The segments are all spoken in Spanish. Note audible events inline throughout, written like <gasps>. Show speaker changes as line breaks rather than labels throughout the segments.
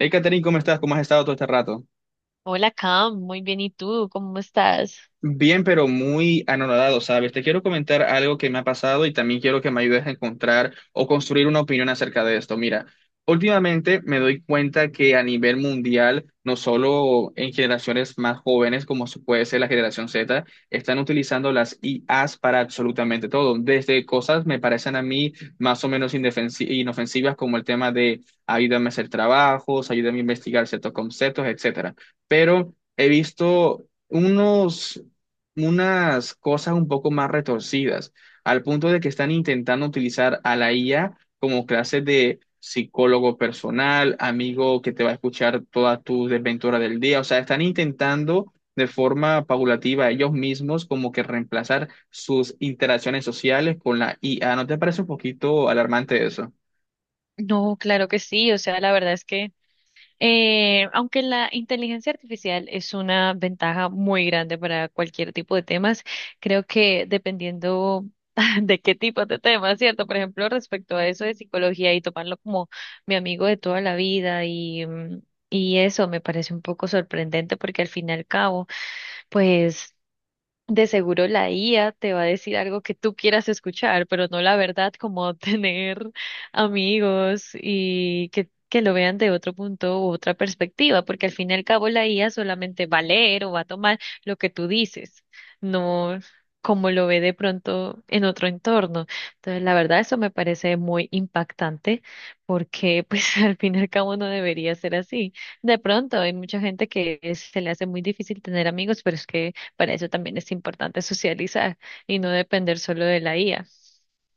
Hey, Catherine, ¿cómo estás? ¿Cómo has estado todo este rato?
Hola Cam, muy bien, ¿y tú? ¿Cómo estás?
Bien, pero muy anonadado, ¿sabes? Te quiero comentar algo que me ha pasado y también quiero que me ayudes a encontrar o construir una opinión acerca de esto. Mira, últimamente me doy cuenta que a nivel mundial, no solo en generaciones más jóvenes, como se puede ser la generación Z, están utilizando las IAs para absolutamente todo. Desde cosas me parecen a mí más o menos inofensivas como el tema de ayúdame a hacer trabajos, ayúdame a investigar ciertos conceptos, etcétera. Pero he visto unos unas cosas un poco más retorcidas, al punto de que están intentando utilizar a la IA como clase de psicólogo personal, amigo que te va a escuchar todas tus desventuras del día. O sea, están intentando de forma paulativa ellos mismos como que reemplazar sus interacciones sociales con la IA. ¿No te parece un poquito alarmante eso?
No, claro que sí, o sea, la verdad es que aunque la inteligencia artificial es una ventaja muy grande para cualquier tipo de temas, creo que dependiendo <laughs> de qué tipo de temas, ¿cierto? Por ejemplo, respecto a eso de psicología y tomarlo como mi amigo de toda la vida y, y eso me parece un poco sorprendente porque al fin y al cabo, pues... De seguro la IA te va a decir algo que tú quieras escuchar, pero no la verdad, como <laughs> tener amigos y que lo vean de otro punto u otra perspectiva, porque al fin y al cabo la IA solamente va a leer o va a tomar lo que tú dices, no como lo ve de pronto en otro entorno. Entonces, la verdad, eso me parece muy impactante porque pues <laughs> al fin y al cabo no debería ser así. De pronto hay mucha gente que se le hace muy difícil tener amigos, pero es que para eso también es importante socializar y no depender solo de la IA.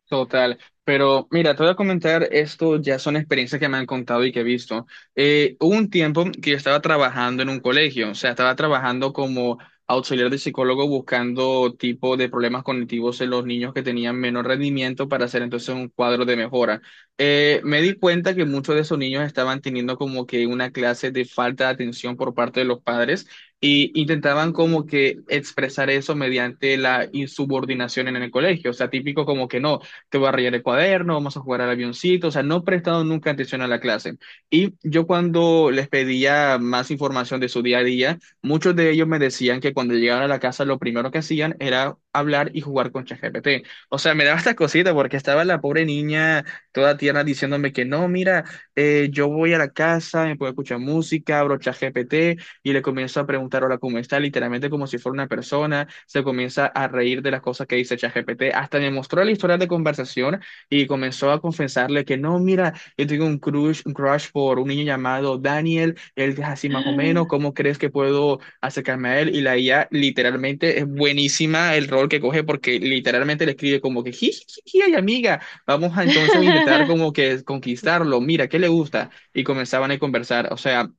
Total, pero mira, te voy a comentar esto, ya son experiencias que me han contado y que he visto. Hubo un tiempo que yo estaba trabajando en un colegio, o sea, estaba trabajando como auxiliar de psicólogo buscando tipo de problemas cognitivos en los niños que tenían menor rendimiento para hacer entonces un cuadro de mejora. Me di cuenta que muchos de esos niños estaban teniendo como que una clase de falta de atención por parte de los padres. Y intentaban como que expresar eso mediante la insubordinación en el colegio, o sea, típico como que no te voy a rayar el cuaderno, vamos a jugar al avioncito, o sea, no he prestado nunca atención a la clase. Y yo cuando les pedía más información de su día a día, muchos de ellos me decían que cuando llegaban a la casa lo primero que hacían era hablar y jugar con ChatGPT. O sea, me daba esta cosita porque estaba la pobre niña toda tierna diciéndome que no, mira, yo voy a la casa, me puedo escuchar música, abro ChatGPT y le comienza a preguntar, hola, ¿cómo está? Literalmente como si fuera una persona, se comienza a reír de las cosas que dice ChatGPT, hasta me mostró la historia de conversación y comenzó a confesarle que no, mira, yo tengo un crush por un niño llamado Daniel, él es así más o menos, ¿cómo crees que puedo acercarme a él? Y la IA literalmente es buenísima el rol que coge porque literalmente le escribe como que, jiji, ay amiga, vamos a entonces intentar
<laughs>
como que conquistarlo, mira, ¿qué le gusta? Y comenzaban a conversar, o sea...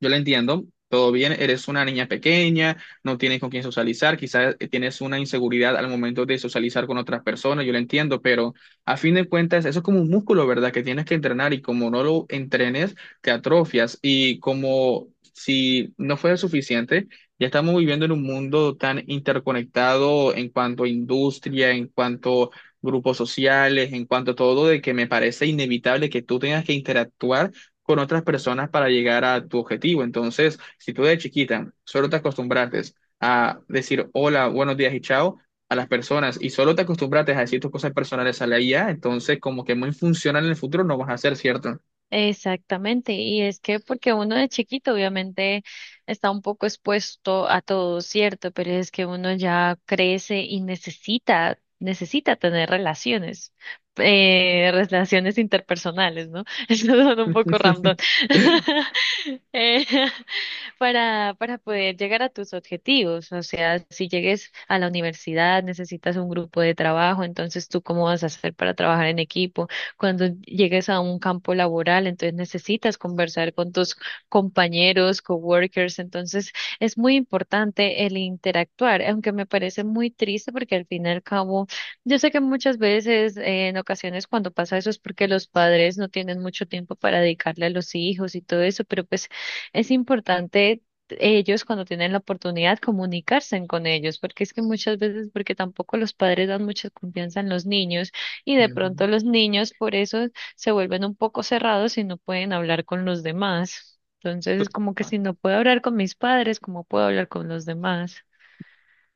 Yo la entiendo, todo bien, eres una niña pequeña, no tienes con quién socializar, quizás tienes una inseguridad al momento de socializar con otras personas, yo lo entiendo, pero a fin de cuentas eso es como un músculo, ¿verdad? Que tienes que entrenar y como no lo entrenes, te atrofias y como si no fuera suficiente, ya estamos viviendo en un mundo tan interconectado en cuanto a industria, en cuanto... a grupos sociales, en cuanto a todo, de que me parece inevitable que tú tengas que interactuar con otras personas para llegar a tu objetivo. Entonces, si tú de chiquita solo te acostumbraste a decir hola, buenos días y chao a las personas y solo te acostumbraste a decir tus cosas personales a la IA, entonces como que muy funcional en el futuro no vas a ser, ¿cierto?
Exactamente, y es que porque uno de chiquito obviamente está un poco expuesto a todo, ¿cierto? Pero es que uno ya crece y necesita, necesita tener relaciones, relaciones interpersonales, ¿no? <laughs> Eso suena un poco random.
<laughs>
<laughs> Eh, para para poder llegar a tus objetivos, o sea, si llegues a la universidad necesitas un grupo de trabajo, entonces tú cómo vas a hacer para trabajar en equipo cuando llegues a un campo laboral, entonces necesitas conversar con tus compañeros, coworkers, entonces es muy importante el interactuar, aunque me parece muy triste porque al fin y al cabo, yo sé que muchas veces, en ocasiones cuando pasa eso es porque los padres no tienen mucho tiempo para dedicarle a los hijos y todo eso, pero pues es importante ellos cuando tienen la oportunidad comunicarse con ellos, porque es que muchas veces, porque tampoco los padres dan mucha confianza en los niños, y de
Ujú.
pronto los niños por eso se vuelven un poco cerrados y no pueden hablar con los demás. Entonces, como que si no puedo hablar con mis padres, ¿cómo puedo hablar con los demás?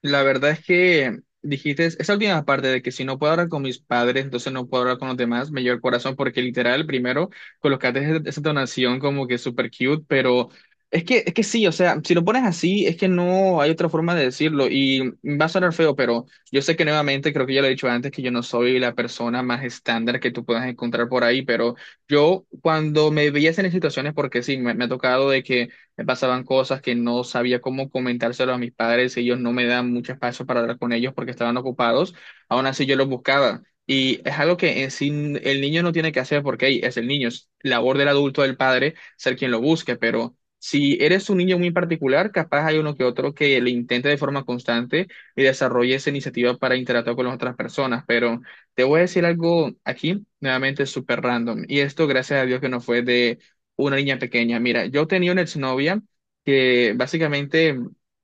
La verdad es que dijiste esa última parte de que si no puedo hablar con mis padres, entonces no puedo hablar con los demás, me lleva el corazón porque literal, primero, colocaste esa entonación como que súper cute, pero es que sí, o sea, si lo pones así, es que no hay otra forma de decirlo y va a sonar feo, pero yo sé que nuevamente, creo que ya lo he dicho antes, que yo no soy la persona más estándar que tú puedas encontrar por ahí, pero yo cuando me veías en esas situaciones, porque sí, me ha tocado de que me pasaban cosas que no sabía cómo comentárselo a mis padres, ellos no me dan mucho espacio para hablar con ellos porque estaban ocupados, aún así yo los buscaba. Y es algo que en sí el niño no tiene que hacer porque hey, es el niño, es labor del adulto, del padre, ser quien lo busque, pero si eres un niño muy particular, capaz hay uno que otro que le intente de forma constante y desarrolle esa iniciativa para interactuar con las otras personas, pero te voy a decir algo aquí, nuevamente súper random, y esto gracias a Dios que no fue de una niña pequeña. Mira, yo tenía una exnovia que básicamente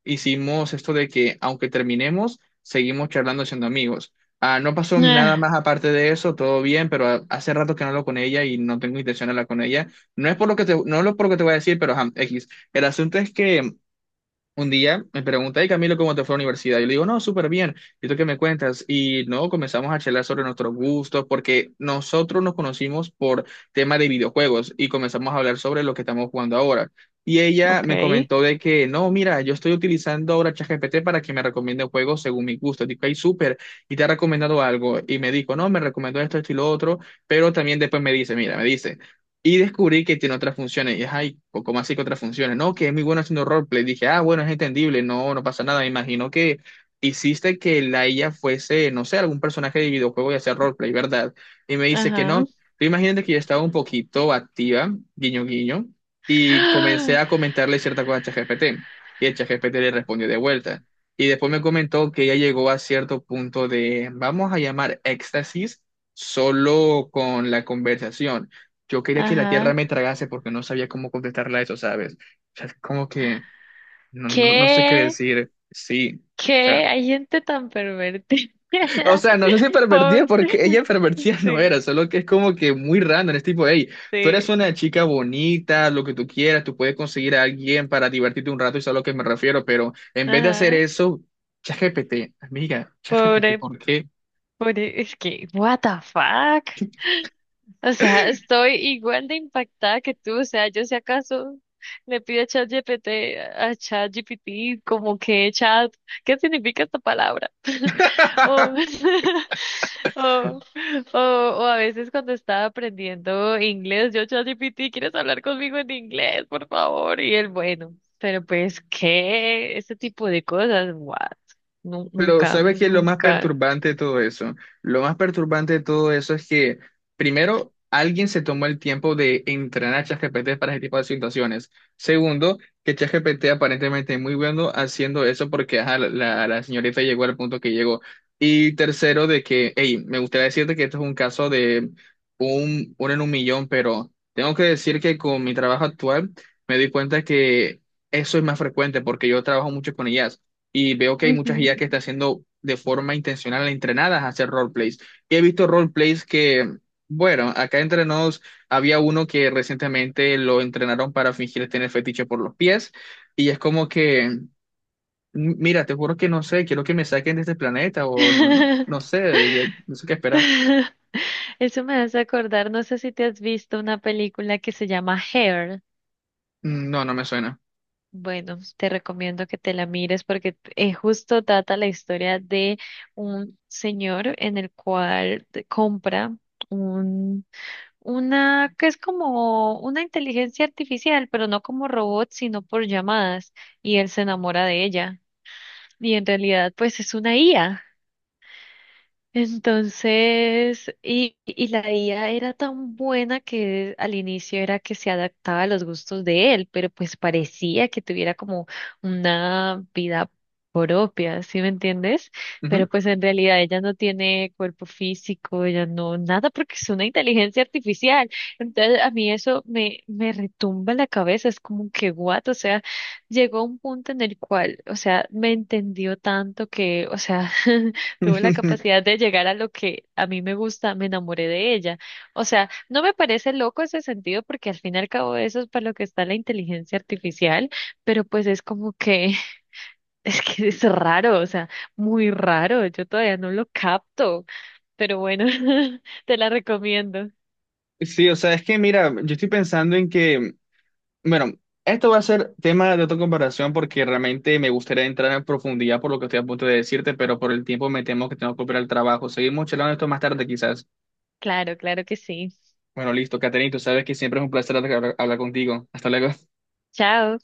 hicimos esto de que aunque terminemos, seguimos charlando siendo amigos. Ah, no pasó nada
Ah,
más aparte de eso, todo bien, pero hace rato que no hablo con ella y no tengo intención de hablar con ella. No es por lo que te, no es por lo que te voy a decir, pero ajá, X. El asunto es que un día me pregunta, y Camilo, ¿cómo te fue a la universidad? Yo le digo, no, súper bien. ¿Y tú qué me cuentas? Y no, comenzamos a charlar sobre nuestros gustos, porque nosotros nos conocimos por tema de videojuegos y comenzamos a hablar sobre lo que estamos jugando ahora. Y ella
ok.
me comentó de que, no, mira, yo estoy utilizando ahora ChatGPT para que me recomiende juegos según mi gusto. Digo, ay, súper, y te ha recomendado algo. Y me dijo, no, me recomendó esto, esto y lo otro, pero también después me dice, mira, me dice. Y descubrí que tiene otras funciones. Y es, ay, ¿cómo así que otras funciones? No, que es muy bueno haciendo roleplay. Dije, ah, bueno, es entendible, no, no pasa nada. Me imagino que hiciste que la IA fuese, no sé, algún personaje de videojuego y hacer roleplay, ¿verdad? Y me dice que no.
Ajá.
Tú imagínate que yo estaba un poquito activa, guiño, guiño, y comencé a comentarle cierta cosa a ChatGPT. Y el ChatGPT le respondió de vuelta. Y después me comentó que ella llegó a cierto punto de, vamos a llamar éxtasis solo con la conversación, yo
<gasps>
quería que la tierra
Ajá.
me tragase porque no sabía cómo contestarla a eso, ¿sabes? O sea, es como que no, no, no sé qué
¿Qué?
decir. Sí. O sea,
¿Qué? Hay gente tan pervertida.
o sea, no sé si
<laughs>
pervertida
Pobre.
porque ella pervertida <laughs> no
Sí,
era, solo que es como que muy random. Es tipo, hey, tú eres
sí.
una chica bonita, lo que tú quieras, tú puedes conseguir a alguien para divertirte un rato, eso es a lo que me refiero, pero en vez de hacer
Ajá.
eso, ChatGPT, amiga, ChatGPT,
Pobre,
¿por qué?
pobre. Es que, what the fuck? O sea, estoy igual de impactada que tú. O sea, yo si acaso le pido a ChatGPT, como que chat, ¿qué significa esta palabra? <laughs>
<laughs>
O, <laughs> o, o, o a veces cuando estaba aprendiendo inglés, yo ChatGPT, ¿quieres hablar conmigo en inglés, por favor? Y él, bueno, pero pues, ¿qué? Este tipo de cosas, what?
Pero
Nunca,
¿sabes qué es lo más
nunca.
perturbante de todo eso? Lo más perturbante de todo eso es que, primero, alguien se tomó el tiempo de entrenar a ChatGPT para ese tipo de situaciones. Segundo, que ChatGPT aparentemente es muy bueno haciendo eso porque ajá, la señorita llegó al punto que llegó. Y tercero, de que, hey, me gustaría decirte que esto es un caso de uno en un millón, pero tengo que decir que con mi trabajo actual me di cuenta que eso es más frecuente porque yo trabajo mucho con IA y veo que hay
Ujú.
muchas IA que están haciendo de forma intencional entrenadas a hacer roleplays. Y he visto roleplays que, bueno, acá entre nos había uno que recientemente lo entrenaron para fingir tener fetiche por los pies y es como que, Mira, te juro que no sé, quiero que me saquen de este planeta o no, no, no
<laughs>
sé, no sé qué esperar.
<laughs> Eso me hace acordar, no sé si te has visto una película que se llama Hair.
Mm, no, no me suena.
Bueno, te recomiendo que te la mires porque justo trata la historia de un señor en el cual compra un, una que es como una inteligencia artificial, pero no como robot, sino por llamadas, y él se enamora de ella. Y en realidad, pues es una IA. Entonces, y la IA era tan buena que al inicio era que se adaptaba a los gustos de él, pero pues parecía que tuviera como una vida propia, ¿sí me entiendes?
Ujú.
Pero pues en realidad ella no tiene cuerpo físico, ella no, nada, porque es una inteligencia artificial. Entonces a mí eso me, me retumba en la cabeza, es como que what, o sea, llegó a un punto en el cual, o sea, me entendió tanto que, o sea... <laughs> Tuvo la
<laughs>
capacidad de llegar a lo que a mí me gusta, me enamoré de ella. O sea, no me parece loco ese sentido porque al fin y al cabo eso es para lo que está la inteligencia artificial, pero pues es como que <laughs> es que es raro, o sea, muy raro, yo todavía no lo capto, pero bueno, <laughs> te la recomiendo.
Sí, o sea, es que mira, yo estoy pensando en que, bueno, esto va a ser tema de otra comparación porque realmente me gustaría entrar en profundidad por lo que estoy a punto de decirte, pero por el tiempo me temo que tengo que operar el trabajo. Seguimos charlando esto más tarde, quizás.
Claro, claro que sí.
Bueno, listo, Caterina, tú sabes que siempre es un placer hablar contigo. Hasta luego.
Chao.